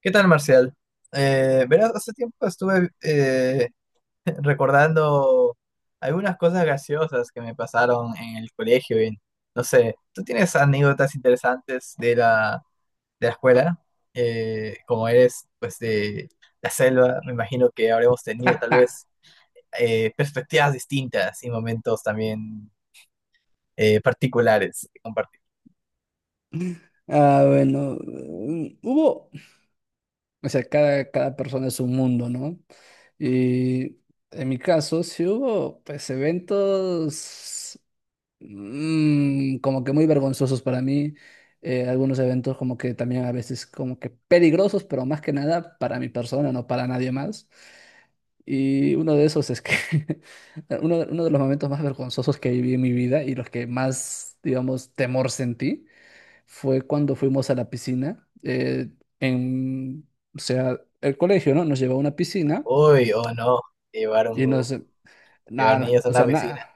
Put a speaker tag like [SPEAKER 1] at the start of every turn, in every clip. [SPEAKER 1] ¿Qué tal, Marcial? Verás, hace tiempo estuve recordando algunas cosas graciosas que me pasaron en el colegio y no sé, ¿tú tienes anécdotas interesantes de de la escuela? Como eres, pues, de la selva, me imagino que habremos tenido tal vez perspectivas distintas y momentos también particulares que compartir.
[SPEAKER 2] Ah, bueno, hubo, o sea, cada persona es un mundo, ¿no? Y en mi caso, sí hubo, pues, eventos como que muy vergonzosos para mí, algunos eventos como que también a veces como que peligrosos, pero más que nada para mi persona, no para nadie más. Y uno de esos es que uno de los momentos más vergonzosos que viví en mi vida y los que más, digamos, temor sentí fue cuando fuimos a la piscina, en, o sea, el colegio, ¿no? Nos llevó a una piscina
[SPEAKER 1] Uy, o no, llevar,
[SPEAKER 2] y
[SPEAKER 1] un-
[SPEAKER 2] nos,
[SPEAKER 1] llevar
[SPEAKER 2] nada, nos-
[SPEAKER 1] niños a
[SPEAKER 2] o
[SPEAKER 1] una
[SPEAKER 2] sea,
[SPEAKER 1] piscina.
[SPEAKER 2] nada.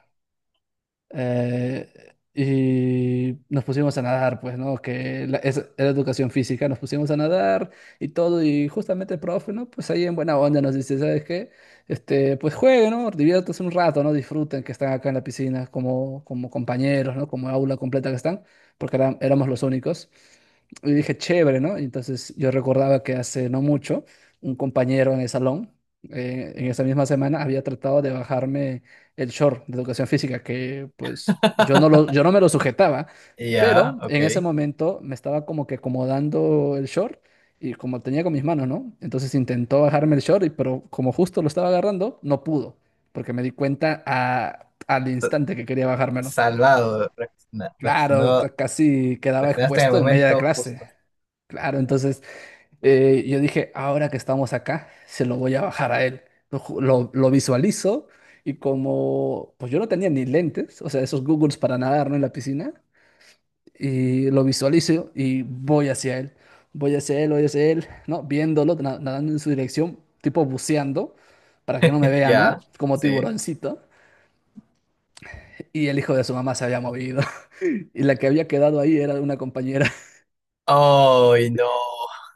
[SPEAKER 2] Eh, y nos pusimos a nadar, pues, ¿no? Era educación física, nos pusimos a nadar y todo, y justamente el profe, ¿no? Pues ahí en buena onda nos dice, ¿sabes qué? Este, pues jueguen, ¿no? Diviértanse un rato, ¿no? Disfruten que están acá en la piscina como, como compañeros, ¿no? Como aula completa que están, porque éramos los únicos. Y dije, chévere, ¿no? Y entonces yo recordaba que hace no mucho un compañero en el salón, en esa misma semana, había tratado de bajarme el short de educación física, que pues yo no me lo sujetaba,
[SPEAKER 1] Ya,
[SPEAKER 2] pero
[SPEAKER 1] ok.
[SPEAKER 2] en ese momento me estaba como que acomodando el short y como tenía con mis manos, ¿no? Entonces intentó bajarme el short, y, pero como justo lo estaba agarrando, no pudo, porque me di cuenta al instante que quería bajármelo.
[SPEAKER 1] Salvado.
[SPEAKER 2] Claro, casi quedaba
[SPEAKER 1] Reaccionaste en el
[SPEAKER 2] expuesto en media
[SPEAKER 1] momento
[SPEAKER 2] clase.
[SPEAKER 1] justo.
[SPEAKER 2] Claro, entonces yo dije, ahora que estamos acá, se lo voy a bajar a él. Lo visualizo y como, pues yo no tenía ni lentes, o sea, esos Googles para nadar, ¿no? En la piscina, y lo visualizo y voy hacia él, voy hacia él, ¿no? Viéndolo, nadando en su dirección, tipo buceando, para que no me vea, ¿no?
[SPEAKER 1] Ya,
[SPEAKER 2] Como
[SPEAKER 1] sí.
[SPEAKER 2] tiburoncito. Y el hijo de su mamá se había movido. Y la que había quedado ahí era una compañera.
[SPEAKER 1] ¡Ay, no!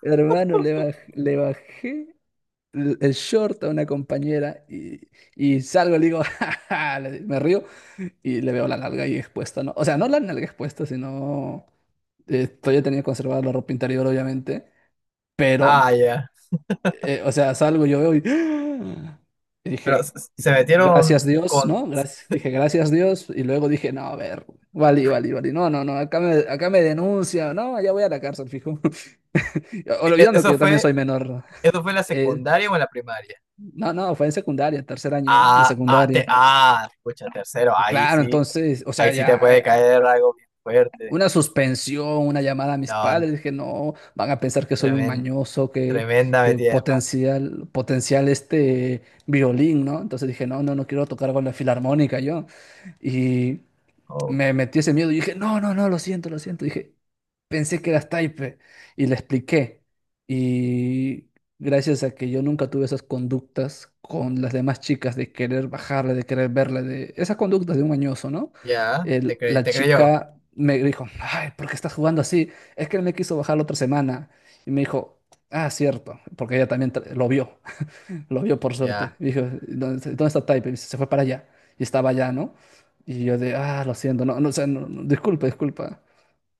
[SPEAKER 2] Hermano, le bajé el short a una compañera y salgo, le digo, "Ja, ja", me río y le veo la nalga ahí expuesta, ¿no? O sea, no la nalga expuesta, sino todavía tenía conservada la ropa interior, obviamente,
[SPEAKER 1] Ah,
[SPEAKER 2] pero,
[SPEAKER 1] ya.
[SPEAKER 2] o sea, salgo, yo veo y, y
[SPEAKER 1] Pero
[SPEAKER 2] dije,
[SPEAKER 1] se
[SPEAKER 2] gracias
[SPEAKER 1] metieron
[SPEAKER 2] Dios,
[SPEAKER 1] con...
[SPEAKER 2] ¿no? Gracias, dije, gracias Dios, y luego dije, no, a ver, vale, vale, vale, no, no, no, acá me denuncia, no, allá voy a la cárcel, fijo,
[SPEAKER 1] e- e-
[SPEAKER 2] olvidando que
[SPEAKER 1] ¿Eso
[SPEAKER 2] yo también
[SPEAKER 1] fue,
[SPEAKER 2] soy menor.
[SPEAKER 1] eso fue en la
[SPEAKER 2] Eh,
[SPEAKER 1] secundaria o en la primaria?
[SPEAKER 2] no, no, fue en secundaria, tercer año de secundaria.
[SPEAKER 1] Escucha, tercero,
[SPEAKER 2] Claro, entonces, o sea,
[SPEAKER 1] ahí sí
[SPEAKER 2] ya
[SPEAKER 1] te
[SPEAKER 2] ah,
[SPEAKER 1] puede
[SPEAKER 2] ah,
[SPEAKER 1] caer algo bien fuerte.
[SPEAKER 2] una suspensión, una llamada a mis
[SPEAKER 1] No,
[SPEAKER 2] padres, dije, no, van a pensar que soy un
[SPEAKER 1] tremen-
[SPEAKER 2] mañoso,
[SPEAKER 1] tremenda
[SPEAKER 2] que
[SPEAKER 1] metida de pata.
[SPEAKER 2] potencial, potencial este violín, ¿no? Entonces dije, no, no, no quiero tocar con la filarmónica yo. Y
[SPEAKER 1] Oh,
[SPEAKER 2] me metí ese miedo y dije, no, no, no, lo siento, lo siento. Dije, pensé que eras Taipe y le expliqué. Y gracias a que yo nunca tuve esas conductas con las demás chicas de querer bajarle, de querer verle, de esas conductas de un añoso, ¿no?
[SPEAKER 1] ya,
[SPEAKER 2] La
[SPEAKER 1] te creyó.
[SPEAKER 2] chica me dijo, ay, ¿por qué estás jugando así? Es que él me quiso bajar la otra semana. Y me dijo, ah, cierto, porque ella también lo vio, lo vio por suerte.
[SPEAKER 1] Ya.
[SPEAKER 2] Y dijo, ¿dónde, dónde está Taipe? Y se fue para allá. Y estaba allá, ¿no? Y yo de, ah, lo siento, no, no, o sea, no, no, disculpa, disculpa.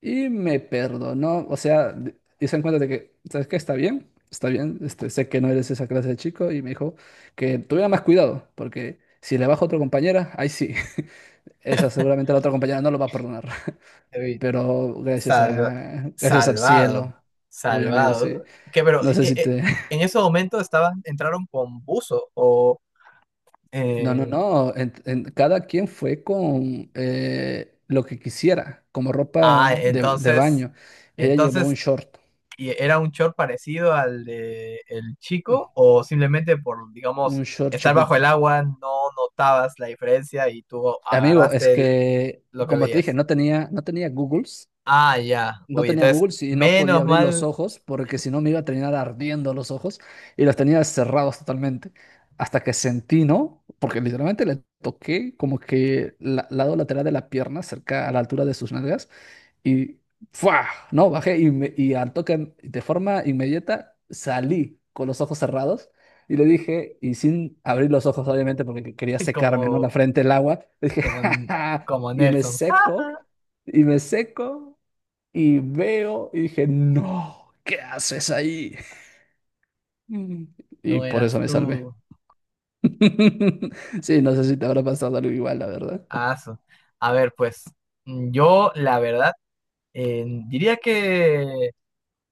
[SPEAKER 2] Y me perdonó, o sea, hice en cuenta de que, ¿sabes qué? Está bien, este, sé que no eres esa clase de chico y me dijo que tuviera más cuidado, porque si le bajo a otra compañera, ahí sí, esa seguramente la otra compañera no lo va a perdonar.
[SPEAKER 1] Uy,
[SPEAKER 2] Pero gracias
[SPEAKER 1] Salva-
[SPEAKER 2] a, gracias al
[SPEAKER 1] salvado,
[SPEAKER 2] cielo, uy, amigo,
[SPEAKER 1] salvado.
[SPEAKER 2] sí,
[SPEAKER 1] Que pero
[SPEAKER 2] no sé si te...
[SPEAKER 1] en ese momento estaban, entraron con buzo o
[SPEAKER 2] No, no,
[SPEAKER 1] eh,
[SPEAKER 2] no, cada quien fue con lo que quisiera, como
[SPEAKER 1] ah,
[SPEAKER 2] ropa de baño. Ella llevó un
[SPEAKER 1] entonces
[SPEAKER 2] short,
[SPEAKER 1] ¿y era un short parecido al de el
[SPEAKER 2] mm,
[SPEAKER 1] chico o simplemente por,
[SPEAKER 2] un
[SPEAKER 1] digamos,
[SPEAKER 2] short
[SPEAKER 1] estar bajo el
[SPEAKER 2] chiquito.
[SPEAKER 1] agua no notabas la diferencia y tú
[SPEAKER 2] Amigo, es que,
[SPEAKER 1] lo que
[SPEAKER 2] como te dije,
[SPEAKER 1] veías.
[SPEAKER 2] no tenía Googles,
[SPEAKER 1] Ah, ya.
[SPEAKER 2] no
[SPEAKER 1] Uy,
[SPEAKER 2] tenía
[SPEAKER 1] entonces
[SPEAKER 2] Googles y no podía
[SPEAKER 1] menos
[SPEAKER 2] abrir los
[SPEAKER 1] mal.
[SPEAKER 2] ojos porque si no me iba a terminar ardiendo los ojos y los tenía cerrados totalmente. Hasta que sentí, ¿no? Porque literalmente le toqué como que el lado lateral de la pierna, cerca a la altura de sus nalgas, y ¡fua! No, bajé y, y al toque, de forma inmediata, salí con los ojos cerrados y le dije, y sin abrir los ojos, obviamente, porque quería secarme, ¿no? La
[SPEAKER 1] como
[SPEAKER 2] frente, el agua. Le dije,
[SPEAKER 1] como
[SPEAKER 2] "Ja, ja".
[SPEAKER 1] Como
[SPEAKER 2] Y me
[SPEAKER 1] Nelson.
[SPEAKER 2] seco, y me seco, y veo, y dije, no, ¿qué haces ahí? Mm. Y
[SPEAKER 1] No
[SPEAKER 2] por
[SPEAKER 1] eras
[SPEAKER 2] eso me salvé.
[SPEAKER 1] tú.
[SPEAKER 2] Sí, no sé si te habrá pasado algo igual, la verdad.
[SPEAKER 1] Ah, su- A ver, pues yo la verdad diría que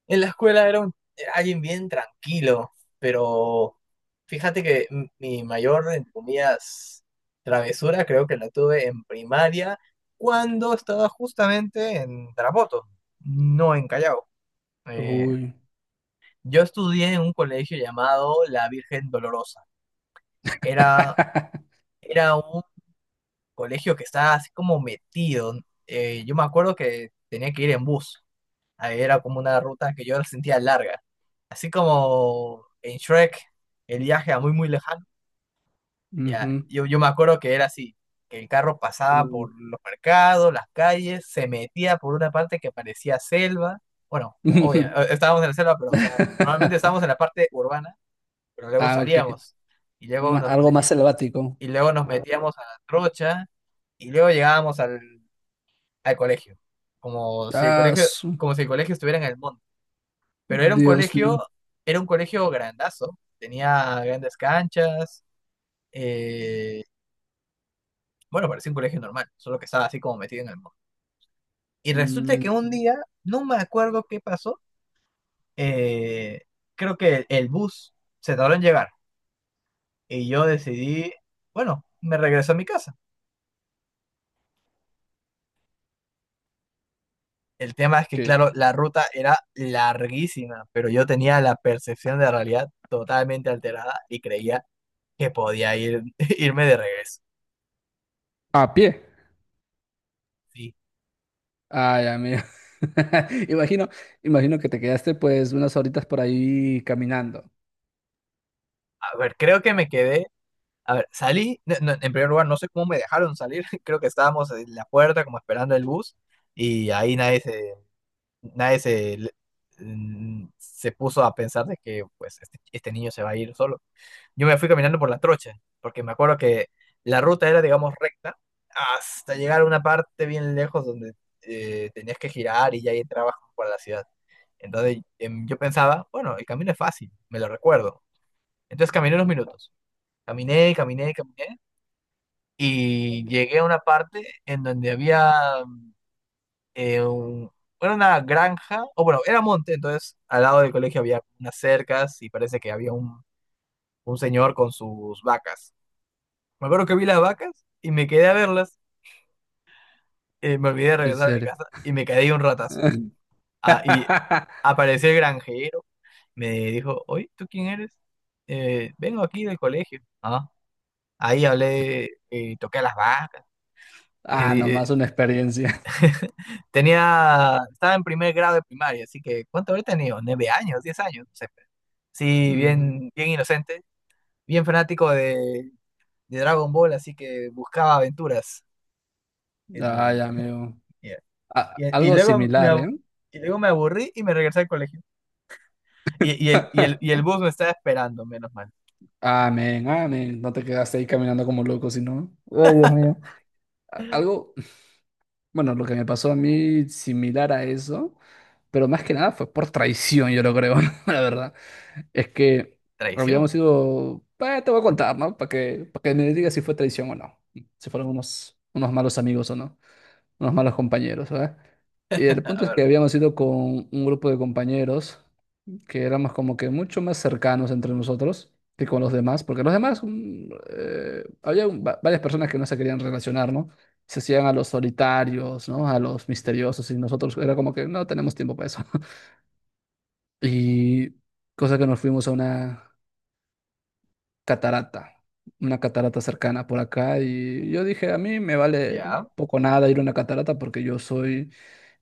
[SPEAKER 1] en la escuela alguien bien tranquilo, pero fíjate que mi mayor, entre comillas, travesura creo que la tuve en primaria cuando estaba justamente en Tarapoto, no en Callao. Eh,
[SPEAKER 2] Uy.
[SPEAKER 1] yo estudié en un colegio llamado La Virgen Dolorosa. Era, Era colegio que estaba así como metido. Yo me acuerdo que tenía que ir en bus. Ahí era como una ruta que yo la sentía larga. Así como en Shrek, el viaje a muy, muy lejano. Ya,
[SPEAKER 2] Ujú.
[SPEAKER 1] yo me acuerdo que era así, que el carro pasaba
[SPEAKER 2] Uy.
[SPEAKER 1] por los mercados, las calles, se metía por una parte que parecía selva. Bueno, obvio, estábamos en la selva, pero o sea, normalmente estábamos en la parte urbana, pero luego
[SPEAKER 2] Ah, ok.
[SPEAKER 1] salíamos y luego nos
[SPEAKER 2] Algo más
[SPEAKER 1] meti-
[SPEAKER 2] selvático.
[SPEAKER 1] y luego nos metíamos a la trocha y luego llegábamos al colegio, como si el
[SPEAKER 2] Ah,
[SPEAKER 1] colegio,
[SPEAKER 2] su-
[SPEAKER 1] como si el colegio estuviera en el monte. Pero era un
[SPEAKER 2] Dios mío.
[SPEAKER 1] colegio, Era un colegio grandazo, tenía grandes canchas, eh, bueno, parecía un colegio normal, solo que estaba así como metido en el monte. Y
[SPEAKER 2] Mm,
[SPEAKER 1] resulta que un
[SPEAKER 2] enti-
[SPEAKER 1] día, no me acuerdo qué pasó, eh, creo que el bus se tardó en llegar y yo decidí, bueno, me regreso a mi casa. El tema es que,
[SPEAKER 2] ¿Qué?
[SPEAKER 1] claro, la ruta era larguísima, pero yo tenía la percepción de realidad totalmente alterada y creía que podía ir, irme de regreso.
[SPEAKER 2] A pie.
[SPEAKER 1] Sí.
[SPEAKER 2] Ay, amigo. Imagino, Imagino que te quedaste pues unas horitas por ahí caminando.
[SPEAKER 1] A ver, creo que me quedé. A ver, salí. No, no, en primer lugar, no sé cómo me dejaron salir. Creo que estábamos en la puerta, como esperando el bus, y ahí nadie se, nadie se, mm, se puso a pensar de que pues este niño se va a ir solo. Yo me fui caminando por la trocha, porque me acuerdo que la ruta era, digamos, recta, hasta llegar a una parte bien lejos donde tenías que girar y ya ahí entrabas como para la ciudad. Entonces yo pensaba, bueno, el camino es fácil, me lo recuerdo. Entonces caminé unos minutos. Caminé, caminé, caminé. Y llegué a una parte en donde había eh, un- era una granja, o bueno, era monte, entonces al lado del colegio había unas cercas y parece que había un señor con sus vacas. Me acuerdo que vi las vacas y me quedé a verlas. Me olvidé de
[SPEAKER 2] En
[SPEAKER 1] regresar a mi
[SPEAKER 2] serio.
[SPEAKER 1] casa y me quedé ahí un ratazo. Ah, y apareció el granjero. Me dijo, oye, ¿tú quién eres? Vengo aquí del colegio. Ah, ahí hablé, toqué a las vacas.
[SPEAKER 2] Ah,
[SPEAKER 1] Eh, eh,
[SPEAKER 2] nomás una experiencia.
[SPEAKER 1] Estaba en primer grado de primaria, así que ¿cuánto habré tenido? 9 años, 10 años, no sé. Sí,
[SPEAKER 2] Ujú.
[SPEAKER 1] bien, bien inocente, bien fanático de Dragon Ball, así que buscaba aventuras.
[SPEAKER 2] Ay,
[SPEAKER 1] El-
[SPEAKER 2] amigo.
[SPEAKER 1] Y, y
[SPEAKER 2] Algo
[SPEAKER 1] luego me,
[SPEAKER 2] similar,
[SPEAKER 1] ab-
[SPEAKER 2] ¿eh?
[SPEAKER 1] y luego me aburrí y me regresé al colegio. Y el bus me estaba esperando, menos mal.
[SPEAKER 2] Amén, amén. No te quedaste ahí caminando como loco, sino. Ay, Dios mío. A- Algo, Bueno, lo que me pasó a mí similar a eso, pero más que nada fue por traición, yo lo creo, la verdad. Es que habíamos
[SPEAKER 1] Traición.
[SPEAKER 2] ido, te voy a contar, ¿no? Para que me digas si fue traición o no. Si fueron unos, unos malos amigos o no, unos malos compañeros, ¿verdad? Y el
[SPEAKER 1] A
[SPEAKER 2] punto es
[SPEAKER 1] ver,
[SPEAKER 2] que habíamos ido con un grupo de compañeros que éramos como que mucho más cercanos entre nosotros que con los demás, porque los demás, había varias personas que no se querían relacionar, ¿no? Se hacían a los solitarios, ¿no? A los misteriosos, y nosotros era como que no tenemos tiempo para eso. Y cosa que nos fuimos a catarata, una catarata cercana por acá y yo dije, a mí me vale
[SPEAKER 1] ya.
[SPEAKER 2] poco nada ir a una catarata porque yo soy,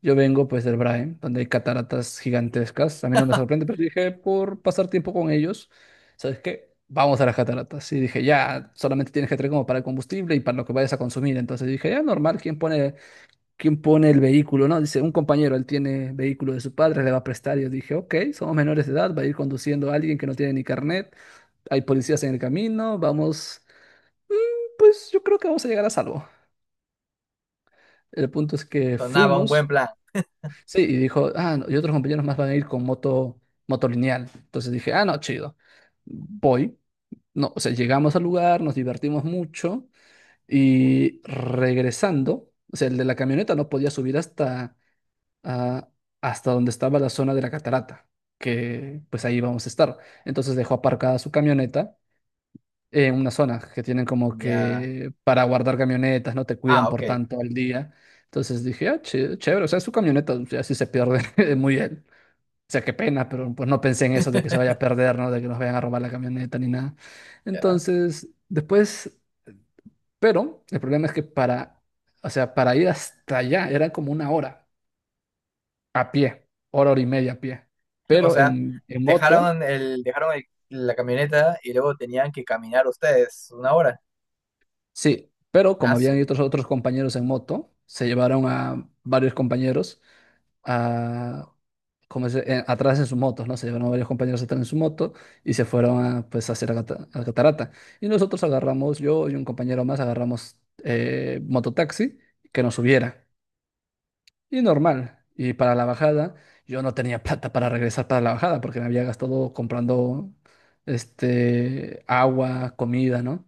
[SPEAKER 2] yo vengo pues del Brain, donde hay cataratas gigantescas, a mí no me sorprende, pero dije, por pasar tiempo con ellos, ¿sabes qué? Vamos a las cataratas. Y dije, ya, solamente tienes que traer como para el combustible y para lo que vayas a consumir. Entonces dije, ya, normal, ¿quién pone el vehículo? No, dice, un compañero, él tiene vehículo de su padre, le va a prestar. Y yo dije, ok, somos menores de edad, va a ir conduciendo a alguien que no tiene ni carnet hay policías en el camino, vamos, pues yo creo que vamos a llegar a salvo. El punto es que
[SPEAKER 1] Sonaba un buen
[SPEAKER 2] fuimos,
[SPEAKER 1] plan.
[SPEAKER 2] sí, y dijo, ah, no, y otros compañeros más van a ir con moto, moto lineal. Entonces dije, ah, no, chido, voy. No, o sea, llegamos al lugar, nos divertimos mucho y regresando, o sea, el de la camioneta no podía subir hasta, ah, hasta donde estaba la zona de la catarata, que pues ahí vamos a estar. Entonces dejó aparcada su camioneta en una zona que tienen como
[SPEAKER 1] Ya.
[SPEAKER 2] que para guardar camionetas, no te
[SPEAKER 1] Ah,
[SPEAKER 2] cuidan por
[SPEAKER 1] ok.
[SPEAKER 2] tanto al día. Entonces dije, ah, chévere, o sea, su camioneta, o sea, si se pierde, muy bien. O sea, qué pena, pero pues no pensé en eso de que se vaya a perder, ¿no? De que nos vayan a robar la camioneta ni nada.
[SPEAKER 1] Ya.
[SPEAKER 2] Entonces, después, pero el problema es que para, o sea, para ir hasta allá era como una hora a pie, hora, hora y media a pie.
[SPEAKER 1] O
[SPEAKER 2] Pero
[SPEAKER 1] sea,
[SPEAKER 2] en moto.
[SPEAKER 1] la camioneta y luego tenían que caminar ustedes 1 hora.
[SPEAKER 2] Sí, pero como
[SPEAKER 1] Aso.
[SPEAKER 2] habían otros compañeros en moto, se llevaron a varios compañeros a, atrás en sus motos, ¿no? Se llevaron a varios compañeros atrás en su moto y se fueron a, pues, a hacer la la catarata. Y nosotros agarramos, yo y un compañero más, agarramos mototaxi que nos subiera. Y normal. Y para la bajada, yo no tenía plata para regresar para la bajada porque me había gastado comprando este, agua, comida, ¿no?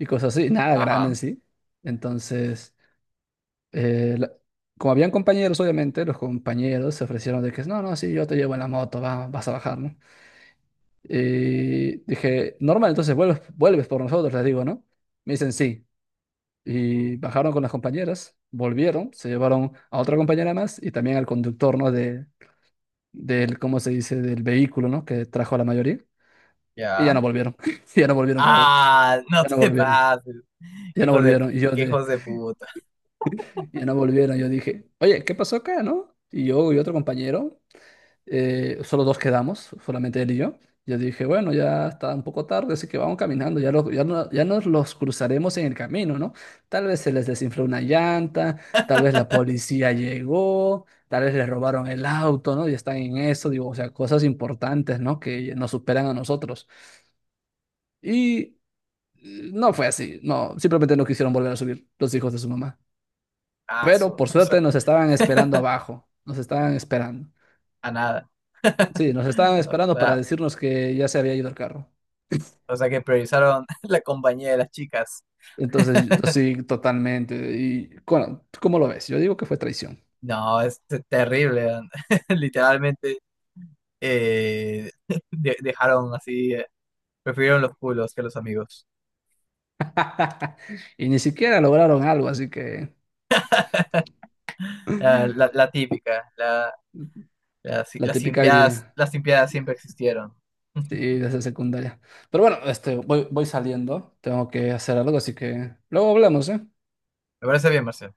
[SPEAKER 2] Y cosas así, nada grande
[SPEAKER 1] Ajá.
[SPEAKER 2] en sí. Entonces, eh, la- como habían compañeros, obviamente, los compañeros se ofrecieron de que no, no, sí, yo te llevo en la moto, va, vas a bajar, ¿no? Y dije, normal, entonces vuelves, vuelves por nosotros, les digo, ¿no? Me dicen sí. Y bajaron con las compañeras, volvieron, se llevaron a otra compañera más y también al conductor, ¿no? De, del, ¿cómo se dice? Del vehículo, ¿no? Que trajo a la mayoría. Y ya
[SPEAKER 1] Ya.
[SPEAKER 2] no volvieron. Ya no volvieron como,
[SPEAKER 1] Ah, no
[SPEAKER 2] ya no
[SPEAKER 1] te
[SPEAKER 2] volvieron.
[SPEAKER 1] pases.
[SPEAKER 2] Ya no
[SPEAKER 1] Hijos de,
[SPEAKER 2] volvieron. Y yo
[SPEAKER 1] Qué
[SPEAKER 2] de,
[SPEAKER 1] hijos de puta.
[SPEAKER 2] ya no volvieron. Yo dije, oye, ¿qué pasó acá, no? Y yo y otro compañero, solo dos quedamos, solamente él y yo. Yo dije, bueno, ya está un poco tarde, así que vamos caminando, ya, ya nos los cruzaremos en el camino, ¿no? Tal vez se les desinfló una llanta, tal vez la policía llegó, tal vez les robaron el auto, ¿no? Y están en eso, digo, o sea, cosas importantes, ¿no? Que nos superan a nosotros. Y no fue así, no, simplemente no quisieron volver a subir los hijos de su mamá. Pero
[SPEAKER 1] Aso.
[SPEAKER 2] por
[SPEAKER 1] O sea,
[SPEAKER 2] suerte nos estaban esperando abajo, nos estaban esperando.
[SPEAKER 1] a nada.
[SPEAKER 2] Sí, nos estaban
[SPEAKER 1] O
[SPEAKER 2] esperando para
[SPEAKER 1] sea,
[SPEAKER 2] decirnos que ya se había ido el carro.
[SPEAKER 1] o sea que priorizaron la compañía de las chicas.
[SPEAKER 2] Entonces, yo- sí, totalmente. Y bueno, ¿tú cómo lo ves? Yo digo que fue traición.
[SPEAKER 1] No, es terrible, man. Literalmente eh, dejaron así, prefirieron los culos que los amigos.
[SPEAKER 2] Y ni siquiera lograron algo, así que
[SPEAKER 1] La típica, la si-
[SPEAKER 2] la típica y,
[SPEAKER 1] las simpiadas siempre existieron. Me
[SPEAKER 2] sí, de esa secundaria. Pero bueno, este, voy, voy saliendo, tengo que hacer algo, así que luego hablamos, ¿eh?
[SPEAKER 1] parece bien, Marcelo.